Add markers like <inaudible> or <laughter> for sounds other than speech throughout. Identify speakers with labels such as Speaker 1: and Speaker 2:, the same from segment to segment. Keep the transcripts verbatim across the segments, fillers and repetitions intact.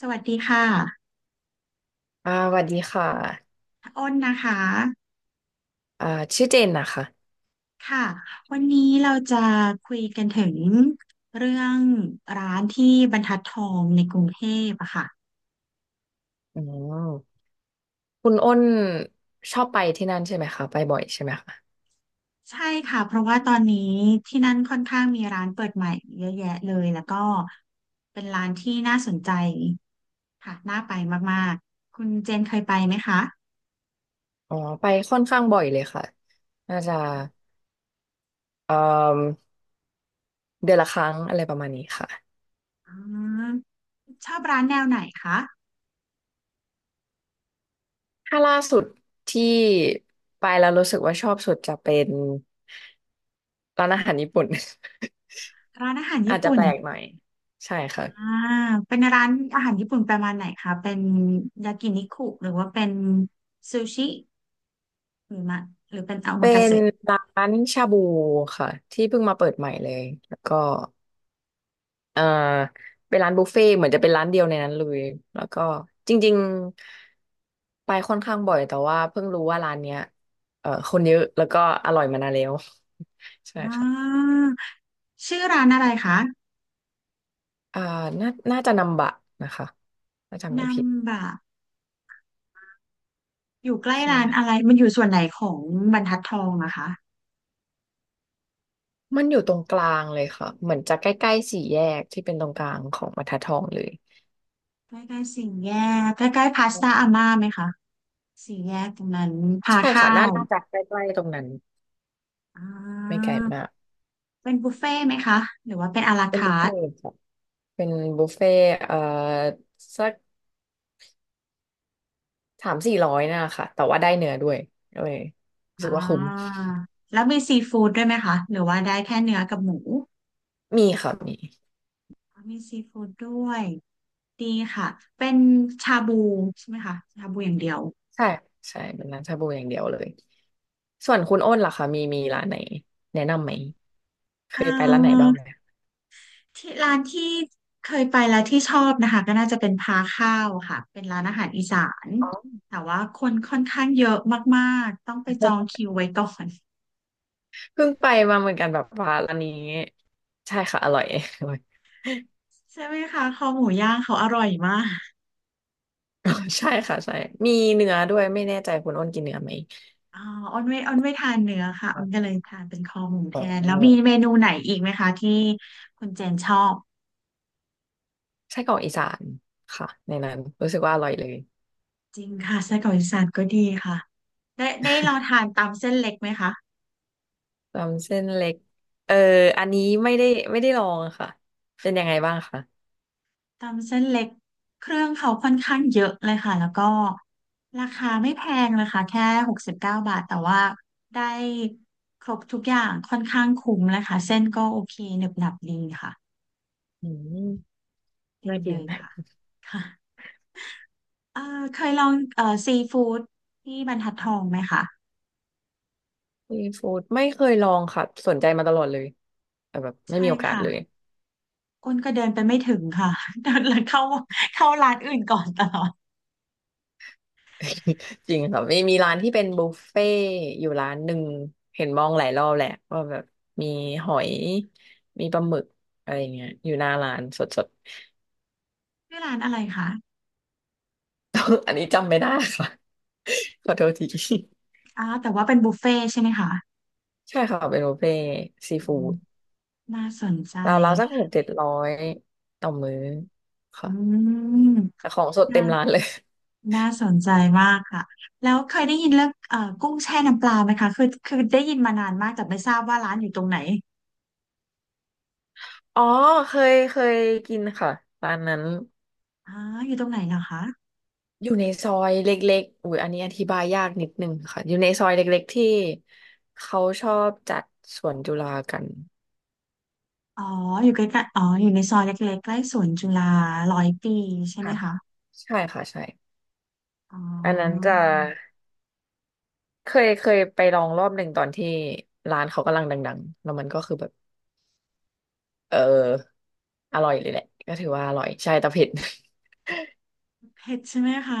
Speaker 1: สวัสดีค่ะ
Speaker 2: อ่าสวัสดีค่ะ
Speaker 1: อ้นนะคะ
Speaker 2: อ่าชื่อเจนนะคะ
Speaker 1: ค่ะวันนี้เราจะคุยกันถึงเรื่องร้านที่บรรทัดทองในกรุงเทพอะค่ะ
Speaker 2: อืมคุณอ้นชอบไปที่นั่นใช่ไหมคะไปบ่อยใช่ไหมคะ
Speaker 1: ใช่ค่ะ เพราะว่าตอนนี้ที่นั่นค่อนข้างมีร้านเปิดใหม่เยอะแยะเลย แล้วก็เป็นร้านที่น่าสนใจค่ะน่าไปมากๆ คุณเจนเคยไปไหมคะ
Speaker 2: อ๋อไปค่อนข้างบ่อยเลยค่ะน่าจะเอ่อเดือนละครั้งอะไรประมาณนี้ค่ะ
Speaker 1: อ๋อชอบร้านแนวไหนคะ
Speaker 2: ถ้าล่าสุดที่ไปแล้วรู้สึกว่าชอบสุดจะเป็นร้านอาหารญี่ปุ่น <laughs>
Speaker 1: ร้านอาหาร
Speaker 2: อา
Speaker 1: ญี่
Speaker 2: จจะ
Speaker 1: ปุ่
Speaker 2: แป
Speaker 1: น
Speaker 2: ลกหน่อยใช่ค่ะ
Speaker 1: อ่าเป็นร้านอาหารญี่ปุ่นประมาณไหนคะเป็นยากินิคุหรือว่าเป็นซูชิหรือมะหรือเป็นโอมา
Speaker 2: เป็
Speaker 1: กา
Speaker 2: น
Speaker 1: เสะ
Speaker 2: ร้านชาบูค่ะที่เพิ่งมาเปิดใหม่เลยแล้วก็ เอ่อเป็นร้านบุฟเฟ่ต์เหมือนจะเป็นร้านเดียวในนั้นเลยแล้วก็จริงๆไปค่อนข้างบ่อยแต่ว่าเพิ่งรู้ว่าร้านเนี้ยเอ่อคนเยอะแล้วก็อร่อยมานานแล้ว <laughs> ใช่
Speaker 1: อ่
Speaker 2: ค่ะ
Speaker 1: าชื่อร้านอะไรคะ
Speaker 2: อ่าน่าน่าจะนำบะนะคะถ้าจำไม่
Speaker 1: นัม
Speaker 2: ผิด
Speaker 1: บะอยู่ใกล้
Speaker 2: ใช่
Speaker 1: ร้านอะไรมันอยู่ส่วนไหนของบรรทัดทองอะคะ
Speaker 2: มันอยู่ตรงกลางเลยค่ะเหมือนจะใกล้ๆสี่แยกที่เป็นตรงกลางของบรรทัดทองเลย
Speaker 1: ใกล้ๆสี่แยกใกล้ๆพาสต้าอาม่าไหมคะสี่แยกตรงนั้นพา
Speaker 2: ใช่ค่ะ
Speaker 1: ข้า
Speaker 2: น่า
Speaker 1: ว
Speaker 2: น่าจะใกล้ๆตรงนั้น
Speaker 1: อ่
Speaker 2: ไม่ไกล
Speaker 1: า
Speaker 2: มาก
Speaker 1: เป็นบุฟเฟ่ต์ไหมคะหรือว่าเป็นอารา
Speaker 2: เป็นบุ
Speaker 1: คา
Speaker 2: ฟ
Speaker 1: ร์
Speaker 2: เฟ่
Speaker 1: ท
Speaker 2: ต์ค่ะเป็นบุฟเฟ่ต์เอ่อสัก สามสี่ร้อยน่ะค่ะแต่ว่าได้เนื้อด้วยเออรู้สึ
Speaker 1: อ่
Speaker 2: กว่าคุ้ม
Speaker 1: าแล้วมีซีฟู้ดด้วยไหมคะหรือว่าได้แค่เนื้อกับหมู
Speaker 2: มีค่ะมี
Speaker 1: มีซีฟู้ดด้วยดีค่ะเป็นชาบูใช่ไหมคะชาบูอย่างเดียว
Speaker 2: ใช่ใช่เป็นร้านชาบูอย่างเดียวเลยส่วนคุณอ้นล่ะคะมีมีร้านไหนแนะนำไหมเค
Speaker 1: เอ่
Speaker 2: ยไปร้านไหนบ้า
Speaker 1: อ
Speaker 2: งไหม
Speaker 1: ที่ร้านที่เคยไปแล้วที่ชอบนะคะก็น่าจะเป็นพาข้าวค่ะเป็นร้านอาหารอีสาน
Speaker 2: อ๋อ
Speaker 1: แต่ว่าคนค่อนข้างเยอะมากๆต้องไปจองคิวไว้ก่อน
Speaker 2: เพิ่งไปมาเหมือนกันแบบว่าร้านนี้ใช่ค่ะอร่อย <laughs> อร่อย
Speaker 1: <laughs> ใช่ไหมคะคอหมูย่างเขาอร่อยมาก
Speaker 2: อ๋อใช่ค่ะใช่มีเนื้อด้วยไม่แน่ใจคุณอ้นกินเนื้อไหม
Speaker 1: อ๋ออ้นไม่อ้นไม่ทานเนื้อค่ะอ้นก็เลยทานเป็นคอหมูแท
Speaker 2: อ๋
Speaker 1: นแล้วมี
Speaker 2: อ
Speaker 1: เมนูไหนอีกไหมคะที่คุณเจนชอบ
Speaker 2: ไส้กรอกอีสานค่ะในนั้นรู้สึกว่าอร่อยเลย
Speaker 1: จริงค่ะไส้กรอกอีสานก็ดีค่ะ ได้ได้ลองทานตำเส้นเล็กไหมคะ
Speaker 2: ตำเส้นเล็กเอออันนี้ไม่ได้ไม่ได้ลองอะค่ะเป็นยังไงบ้างคะ
Speaker 1: ตำเส้นเล็กเครื่องเขาค่อนข้างเยอะเลยค่ะแล้วก็ราคาไม่แพงเลยค่ะแค่หกสิบเก้าบาทแต่ว่าได้ครบทุกอย่างค่อนข้างคุ้มเลยค่ะเส้นก็โอเคหนึบหนับดีค่ะ
Speaker 2: อืม
Speaker 1: ดี
Speaker 2: น่ากิ
Speaker 1: เล
Speaker 2: น
Speaker 1: ยค่ะค่ะเอ่อเคยลองเอ่อซีฟู้ดที่บรรทัดทองไหมคะ
Speaker 2: ซีฟู้ดไม่เคยลองค่ะสนใจมาตลอดเลยแต่แบบไม่
Speaker 1: ใช่
Speaker 2: มีโอกาส
Speaker 1: ค่ะ
Speaker 2: เลย
Speaker 1: อ้นก็เดินไปไม่ถึงค่ะ <laughs> เดินเล้เข้าเข้าร้านอื่นก่อนตลอด
Speaker 2: <laughs> จริงค่ะไมีมีร้านที่เป็นบุฟเฟ่ต์อยู่ร้านหนึ่งเห็นมองหลายรอบแหละว่าแบบมีหอยมีปลาหมึกอะไรอย่างเงี้ยอยู่หน้าร้านสด
Speaker 1: ชื่อร้านอะไรคะ
Speaker 2: ๆ <laughs> อันนี้จำไม่ได้ค่ะ <laughs> ขอโทษที <laughs>
Speaker 1: อ๋อแต่ว่าเป็นบุฟเฟ่ต์ใช่ไหมคะ
Speaker 2: ใช่ค่ะเป็นบุฟเฟ่ต์ซี
Speaker 1: อื
Speaker 2: ฟู้
Speaker 1: ม
Speaker 2: ด
Speaker 1: น่าสนใจ
Speaker 2: เราเราวๆสักหกเจ็ดร้อยต่อมื้อ
Speaker 1: อื
Speaker 2: ค่ะ
Speaker 1: ม
Speaker 2: แต่ของสดเต็
Speaker 1: น่า
Speaker 2: มร้านเลย
Speaker 1: น่าสนใจมากค่ะ แล้วเคยได้ยินเรื่องเอ่อกุ้งแช่น้ำปลาไหมคะ คือคือได้ยินมานานมากแต่ไม่ทราบว่าร้านอยู่ตรงไหน
Speaker 2: อ๋อเคยเคยกินค่ะร้านนั้น
Speaker 1: อ๋ออยู่ตรงไหนเหรอคะ
Speaker 2: อยู่ในซอยเล็กๆอุ้ยอันนี้อธิบายยากนิดนึงค่ะอยู่ในซอยเล็กๆที่เขาชอบจัดสวนจุฬากัน
Speaker 1: อ๋ออยู่ใกล้ๆอ๋อ อยู่ในซอยเล็กๆใกล้สวนจุฬาร้อยปีใช่ไหม
Speaker 2: ค่ะ
Speaker 1: คะ
Speaker 2: ใช่ค่ะใช่
Speaker 1: อ๋อ
Speaker 2: อันนั้นจะเคยเคยไปลองรอบหนึ่งตอนที่ร้านเขากำลังดังๆแล้วมันก็คือแบบเอออร่อยเลยแหละก็ถือว่าอร่อยใช่แต่เผ็ด
Speaker 1: เผ็ดใช่ไหมคะ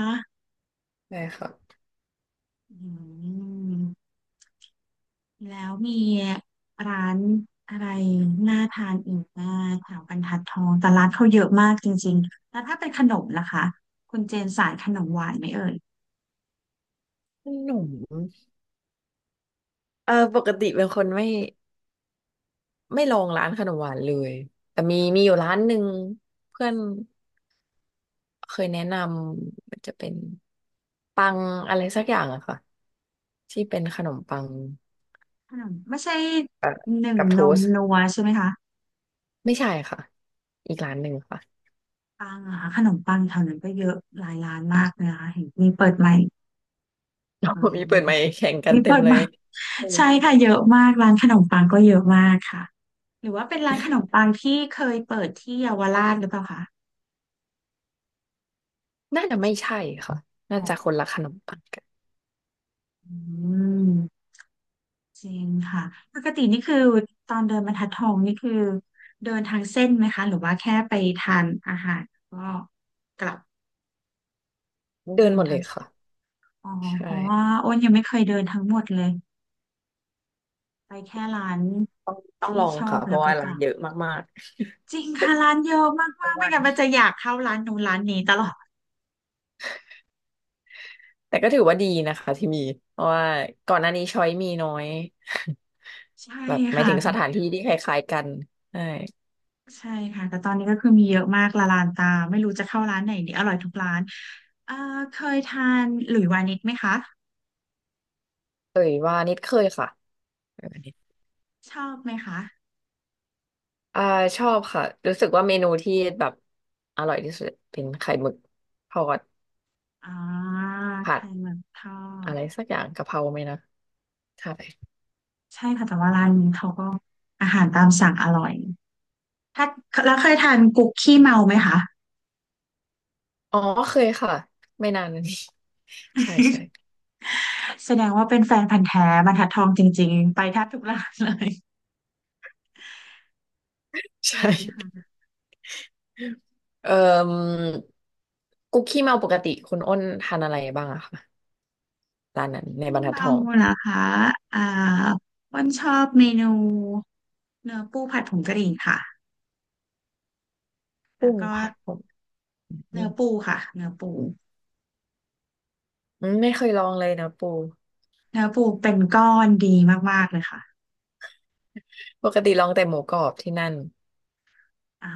Speaker 2: <laughs> ใช่ค่ะ
Speaker 1: อืม แล้วมีร้านอะไรน่าทานอีกบ้างแถวบรรทัดทองแต่ร้านเขาเยอะมากจริงๆแล้วถ้าเป็นขนมล่ะคะคุณเจนสายขนมหวานไหมเอ่ย
Speaker 2: ขนม เออปกติเป็นคนไม่ไม่ลองร้านขนมหวานเลยแต่มี
Speaker 1: อ๋
Speaker 2: มีอ
Speaker 1: อ
Speaker 2: ยู่ร้านหนึ่งเพื่อนเคยแนะนำมันจะเป็นปังอะไรสักอย่างอะค่ะที่เป็นขนมปัง
Speaker 1: ขนมไม่ใช่หนึ่ง
Speaker 2: กับโท
Speaker 1: นม
Speaker 2: สต์
Speaker 1: นัวใช่ไหมคะ
Speaker 2: ไม่ใช่ค่ะอีกร้านหนึ่งค่ะ
Speaker 1: ปังอะคะขนมปังแถวนั้นก็เยอะหลายร้านมากเลยนะคะเห็นมีเปิดใหม่ <laughs> อ๋
Speaker 2: <laughs> มีเปิดไม
Speaker 1: อ
Speaker 2: ค์แข่งกัน
Speaker 1: มี
Speaker 2: เต็
Speaker 1: เปิ
Speaker 2: ม
Speaker 1: ด
Speaker 2: เล
Speaker 1: ให
Speaker 2: ย
Speaker 1: ม่
Speaker 2: เออ
Speaker 1: ใช่ค่ะเยอะมากร้านขนมปังก็เยอะมากค่ะหรือว่าเป็นร้านขนมปังที่เคยเปิดที่เยาวราชหรือเปล่าคะ
Speaker 2: น่าจะไม่ใช่ค่ะน่า
Speaker 1: อ๋อ
Speaker 2: จะคนละขนมปังกัน
Speaker 1: อืม จริงค่ะปกตินี่คือตอนเดินบรรทัดทองนี่คือเดินทางเส้นไหมคะหรือว่าแค่ไปทานอาหารก็กลับ
Speaker 2: เดิน
Speaker 1: เดิน
Speaker 2: หมด
Speaker 1: ทา
Speaker 2: เล
Speaker 1: ง
Speaker 2: ยค่ะ
Speaker 1: อ๋อ
Speaker 2: ใ
Speaker 1: เพราะว่า
Speaker 2: ช่
Speaker 1: อ้นยังไม่เคยเดินทั้งหมดเลยไปแค่ร้าน
Speaker 2: ต้องต้อง
Speaker 1: ที่
Speaker 2: ลอง
Speaker 1: ชอ
Speaker 2: ค่ะ
Speaker 1: บ
Speaker 2: เพ
Speaker 1: แล้ว
Speaker 2: ราะ
Speaker 1: ก็
Speaker 2: ว่า
Speaker 1: ก
Speaker 2: ร้า
Speaker 1: ลั
Speaker 2: น
Speaker 1: บ
Speaker 2: เยอะมาก
Speaker 1: จริงค่ะร้านเยอะมาก
Speaker 2: ๆ <laughs> ทั้
Speaker 1: มา
Speaker 2: ง
Speaker 1: กไม่
Speaker 2: วัน
Speaker 1: งั้นมันจะอยากเข้าร้านนู้นร้านนี้ตลอด
Speaker 2: แต่ก็ถือว่าดีนะคะที่มีเพราะว่าก่อนหน้านี้ช้อยมีน้อย
Speaker 1: ใช่
Speaker 2: <laughs> แบบหมาย
Speaker 1: ค่ะ
Speaker 2: ถึงสถานที่ที่คล้ายๆกันใช่
Speaker 1: ใช่ค่ะแต่ตอนนี้ก็คือมีเยอะมากละลานตาไม่รู้จะเข้าร้านไหนดีอร่อยทุกร้านเอ่อเคยทานหลุยวานิชไหมคะ
Speaker 2: เอ่ยว่านิดเคยค่ะเอยว่านิด
Speaker 1: ชอบไหมคะ
Speaker 2: อ่าชอบค่ะรู้สึกว่าเมนูที่แบบอร่อยที่สุดเป็นไข่หมึกทอด
Speaker 1: อ่า
Speaker 2: ผัด
Speaker 1: ไข่หมึกทอ
Speaker 2: อะไร
Speaker 1: ด
Speaker 2: สักอย่างกะเพราไหมนะใช่
Speaker 1: ใช่ค่ะแต่ว่าร้านนี้เขาก็อาหารตามสั่งอร่อยถ้าแล้วเคยทานกุ๊กขี้เมาไหมคะ
Speaker 2: อ๋อเคยค่ะไม่นานมานี้ <laughs> ใช่ใช่
Speaker 1: แสดงว่าเป็นแฟนพันธุ์แท้บรรทัดทองจริงๆไปแทบทุกร้านเลยโอ
Speaker 2: ใช
Speaker 1: เค
Speaker 2: ่
Speaker 1: ค่ะ
Speaker 2: เอ่กุ๊กขี้เมาปกติคุณอ้นทานอะไรบ้างอะคะร้านนั้นในบ
Speaker 1: ขี้
Speaker 2: รรทัดท
Speaker 1: เมา
Speaker 2: อง
Speaker 1: เหรอคะอ่าอ้วันชอบเมนูเนื้อปูผัดผงกะหรี่ค่ะแล้
Speaker 2: กุ้
Speaker 1: ว
Speaker 2: ง
Speaker 1: ก็
Speaker 2: ผัดผ อื
Speaker 1: เนื้อปู
Speaker 2: ม
Speaker 1: ค่ะเนื้อปู
Speaker 2: อืมไม่เคยลองเลยนะปู
Speaker 1: เนื้อปูเป็นก้อนดีมากๆเลยค่ะ
Speaker 2: ปกติลองแต่หมูกรอบที่นั่น
Speaker 1: อ่า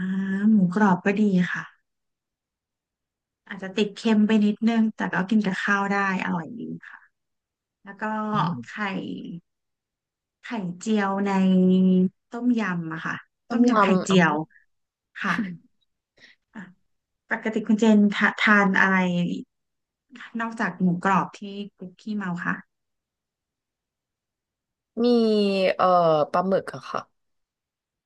Speaker 1: หมูกรอบก็ดีค่ะ อาจจะติดเค็มไปนิดนึง แต่ก็กินกับข้าวได้อร่อยดีค่ะ แล้วก็
Speaker 2: อืม
Speaker 1: ไข่ไข่เจียวในต้มยำอะค่ะ
Speaker 2: ต้
Speaker 1: ต้
Speaker 2: ม
Speaker 1: มยำไข่
Speaker 2: ยำอ๋อ
Speaker 1: เจียวค่ะอ่ะปกติคุณเจนทะทานอะไรนอกจากหมูกรอบที่คุกกี้เมาค่ะ
Speaker 2: มีเอ่อปลาหมึกอะค่ะ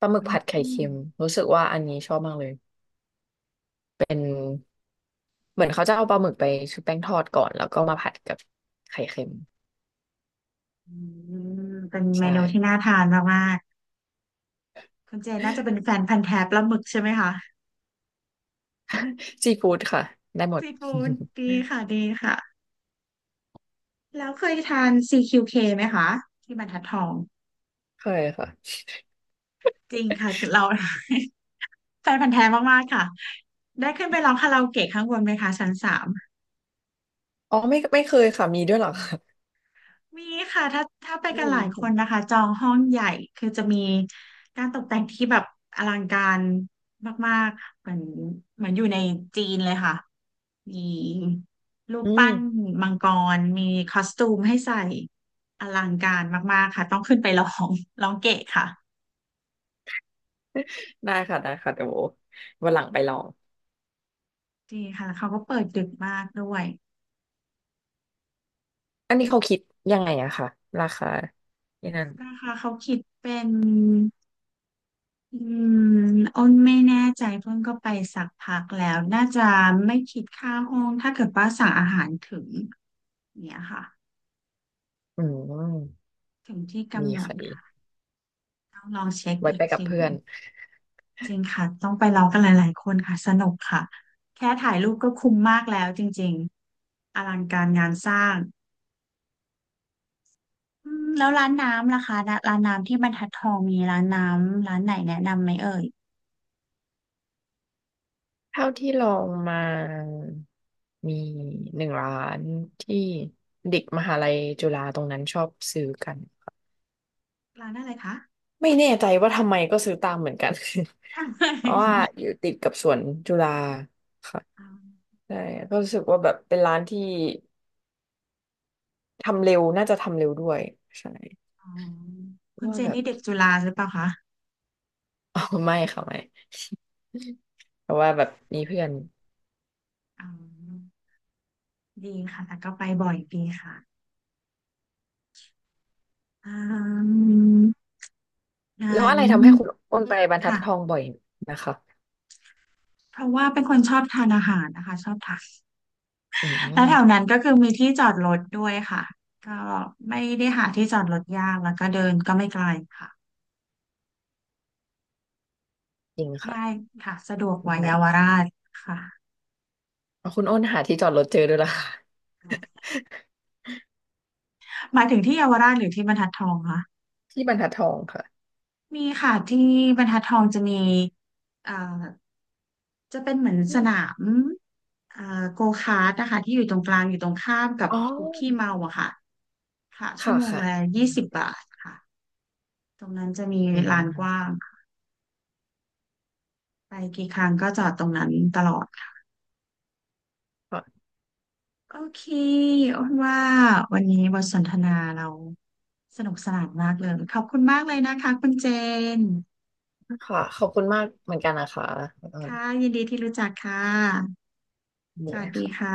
Speaker 2: ปลาหมึกผัดไข่
Speaker 1: อืม
Speaker 2: เค็ม รู้สึกว่าอันนี้ชอบมากเลย เหมือนเขาจะเอาปลาหมึกไปชุบแป้งทอดก่อนแล้วก็มาผัดกับไข่เค็ม
Speaker 1: อืมเป็นเม
Speaker 2: ใช่
Speaker 1: นูที่น่าทานมากๆ คุณเจนน่าจะเป็นแฟนพันธุ์แท้ปลาหมึกใช่ไหมคะ
Speaker 2: <laughs> ซีฟู้ดค่ะ ได้หมด
Speaker 1: ซีฟู้ด
Speaker 2: <laughs>
Speaker 1: ดีค่ะดีค่ะ แล้วเคยทาน ซี คิว เค ไหมคะที่บรรทัดทอง
Speaker 2: เคยค่ะ
Speaker 1: จริงค่ะเรา <laughs> แฟนพันธุ์แท้มากๆค่ะ ได้ขึ้นไปร้องคาราโอเกะข้างบนไหมคะชั้นสาม
Speaker 2: อ๋อไม่ไม่เคยค่ะมีด้วยเหรอคะ
Speaker 1: มีค่ะถ้าถ้าไป
Speaker 2: อื
Speaker 1: กันหลายคน
Speaker 2: ม
Speaker 1: นะคะจองห้องใหญ่คือจะมีการตกแต่งที่แบบอลังการมากๆเหมือนเหมือนอยู่ในจีนเลยค่ะ มีรูป
Speaker 2: อื
Speaker 1: ปั้น
Speaker 2: ม
Speaker 1: มังกรมีคอสตูมให้ใส่อลังการมากๆค่ะต้องขึ้นไปร้อง <laughs> ร้องเกะค่ะ
Speaker 2: ได้ค่ะได้ค่ะเดี๋ยววันหลังไปลอง
Speaker 1: ดีค่ะแล้วเขาก็เปิดดึกมากด้วย
Speaker 2: อันนี้เขาคิดยังไงอะค่ะราคาที่นั่น
Speaker 1: ราคาเขาคิดเป็น อืมอ้นไม่แน่ใจเพิ่งก็ไปสักพักแล้วน่าจะไม่คิดค่าห้องถ้าเกิดว่าสั่งอาหารถึงเนี่ยค่ะ
Speaker 2: อืม
Speaker 1: ถึงที่
Speaker 2: ดี
Speaker 1: กำหนด
Speaker 2: ค่ะดี
Speaker 1: ค่ะต้องลองเช็ค
Speaker 2: ไว้
Speaker 1: อีก
Speaker 2: ไปกับ
Speaker 1: ที
Speaker 2: เพื่อน
Speaker 1: จริงค่ะต้องไปลองกันหลายๆคนค่ะสนุกค่ะแค่ถ่ายรูปก็คุ้มมากแล้วจริงๆอลังการงานสร้างอืมแล้วร้านน้ำล่ะคะร้านน้ำที่บรรทัดทองมีร้านน้ำร้านไหนแนะนำไหมเอ่ย
Speaker 2: เท่าที่ลองมามีหนึ่งร้านที่เด็กมหาลัยจุฬาตรงนั้นชอบซื้อกัน
Speaker 1: ร้านอะไรคะ
Speaker 2: ไม่แน่ใจว่าทำไมก็ซื้อตามเหมือนกัน <laughs> เพราะ
Speaker 1: <laughs>
Speaker 2: ว่าอยู่ติดกับสวนจุฬาค่ะใช่ก็รู้สึกว่าแบบเป็นร้านที่ทำเร็วน่าจะทำเร็วด้วยใช่
Speaker 1: อ๋อคุณ
Speaker 2: ว่า
Speaker 1: เจ
Speaker 2: แบ
Speaker 1: น
Speaker 2: บ
Speaker 1: นี่เด็กจุฬาหรือเปล่าคะ
Speaker 2: <laughs> อ๋อไม่ค่ะไม่ <laughs> เพราะว่าแบบมีเพื่อน
Speaker 1: อ๋อดีค่ะแต่ก็ไปบ่อยดีค่ะอืมงั้
Speaker 2: แล้วอะ
Speaker 1: น
Speaker 2: ไรทำให้คุณอ้นไปบรรทัด
Speaker 1: ค่ะ
Speaker 2: ทองบ่อยนะคะ
Speaker 1: เพราะว่าเป็นคนชอบทานอาหารนะคะชอบทาน
Speaker 2: อื
Speaker 1: แล้แถว
Speaker 2: ม
Speaker 1: นั้นก็คือมีที่จอดรถด้วยค่ะก็ไม่ได้หาที่จอดรถยากแล้วก็เดินก็ไม่ไกลค่ะ
Speaker 2: จริง
Speaker 1: ง่าย
Speaker 2: ค่ะ
Speaker 1: ค่ะสะดวกกว่าเยาว
Speaker 2: ไม่
Speaker 1: ราชค่ะ
Speaker 2: เอาคุณอ้นหาที่จอดรถเจอด้วยล่ะค่ะ
Speaker 1: หมายถึงที่เยาวราชหรือที่บรรทัดทองคะ
Speaker 2: <laughs> ที่บรรทัดทองค่ะ
Speaker 1: มีค่ะที่บรรทัดทองจะมีเอ่อ จะเป็นเหมือนส
Speaker 2: อ
Speaker 1: นา
Speaker 2: ม
Speaker 1: มเอ่อโกคาร์ทนะคะที่อยู่ตรงกลางอยู่ตรงข้ามกับ
Speaker 2: อ๋อ
Speaker 1: คุกกี้เมาอะค่ะค่ะชั่ว
Speaker 2: ค่ะ
Speaker 1: โมง
Speaker 2: ค่ะ
Speaker 1: ละยี่สิบบาทค่ะตรงนั้นจะมี
Speaker 2: อื
Speaker 1: ลานกว้า
Speaker 2: ม
Speaker 1: งค่ะไปกี่ครั้งก็จอดตรงนั้นตลอดค่ะ
Speaker 2: ค่ะ
Speaker 1: โอเคอ้นว่าวันนี้บทสนทนาเราสนุกสนานมากเลย ขอบคุณมากเลยนะคะคุณเจน
Speaker 2: ค่ะขอบคุณมากเหมือนกันนะคะคุณอ้น
Speaker 1: ค่ะยินดีที่รู้จักค่ะส
Speaker 2: นี่
Speaker 1: วัสดี
Speaker 2: ค่ะ
Speaker 1: ค่ะ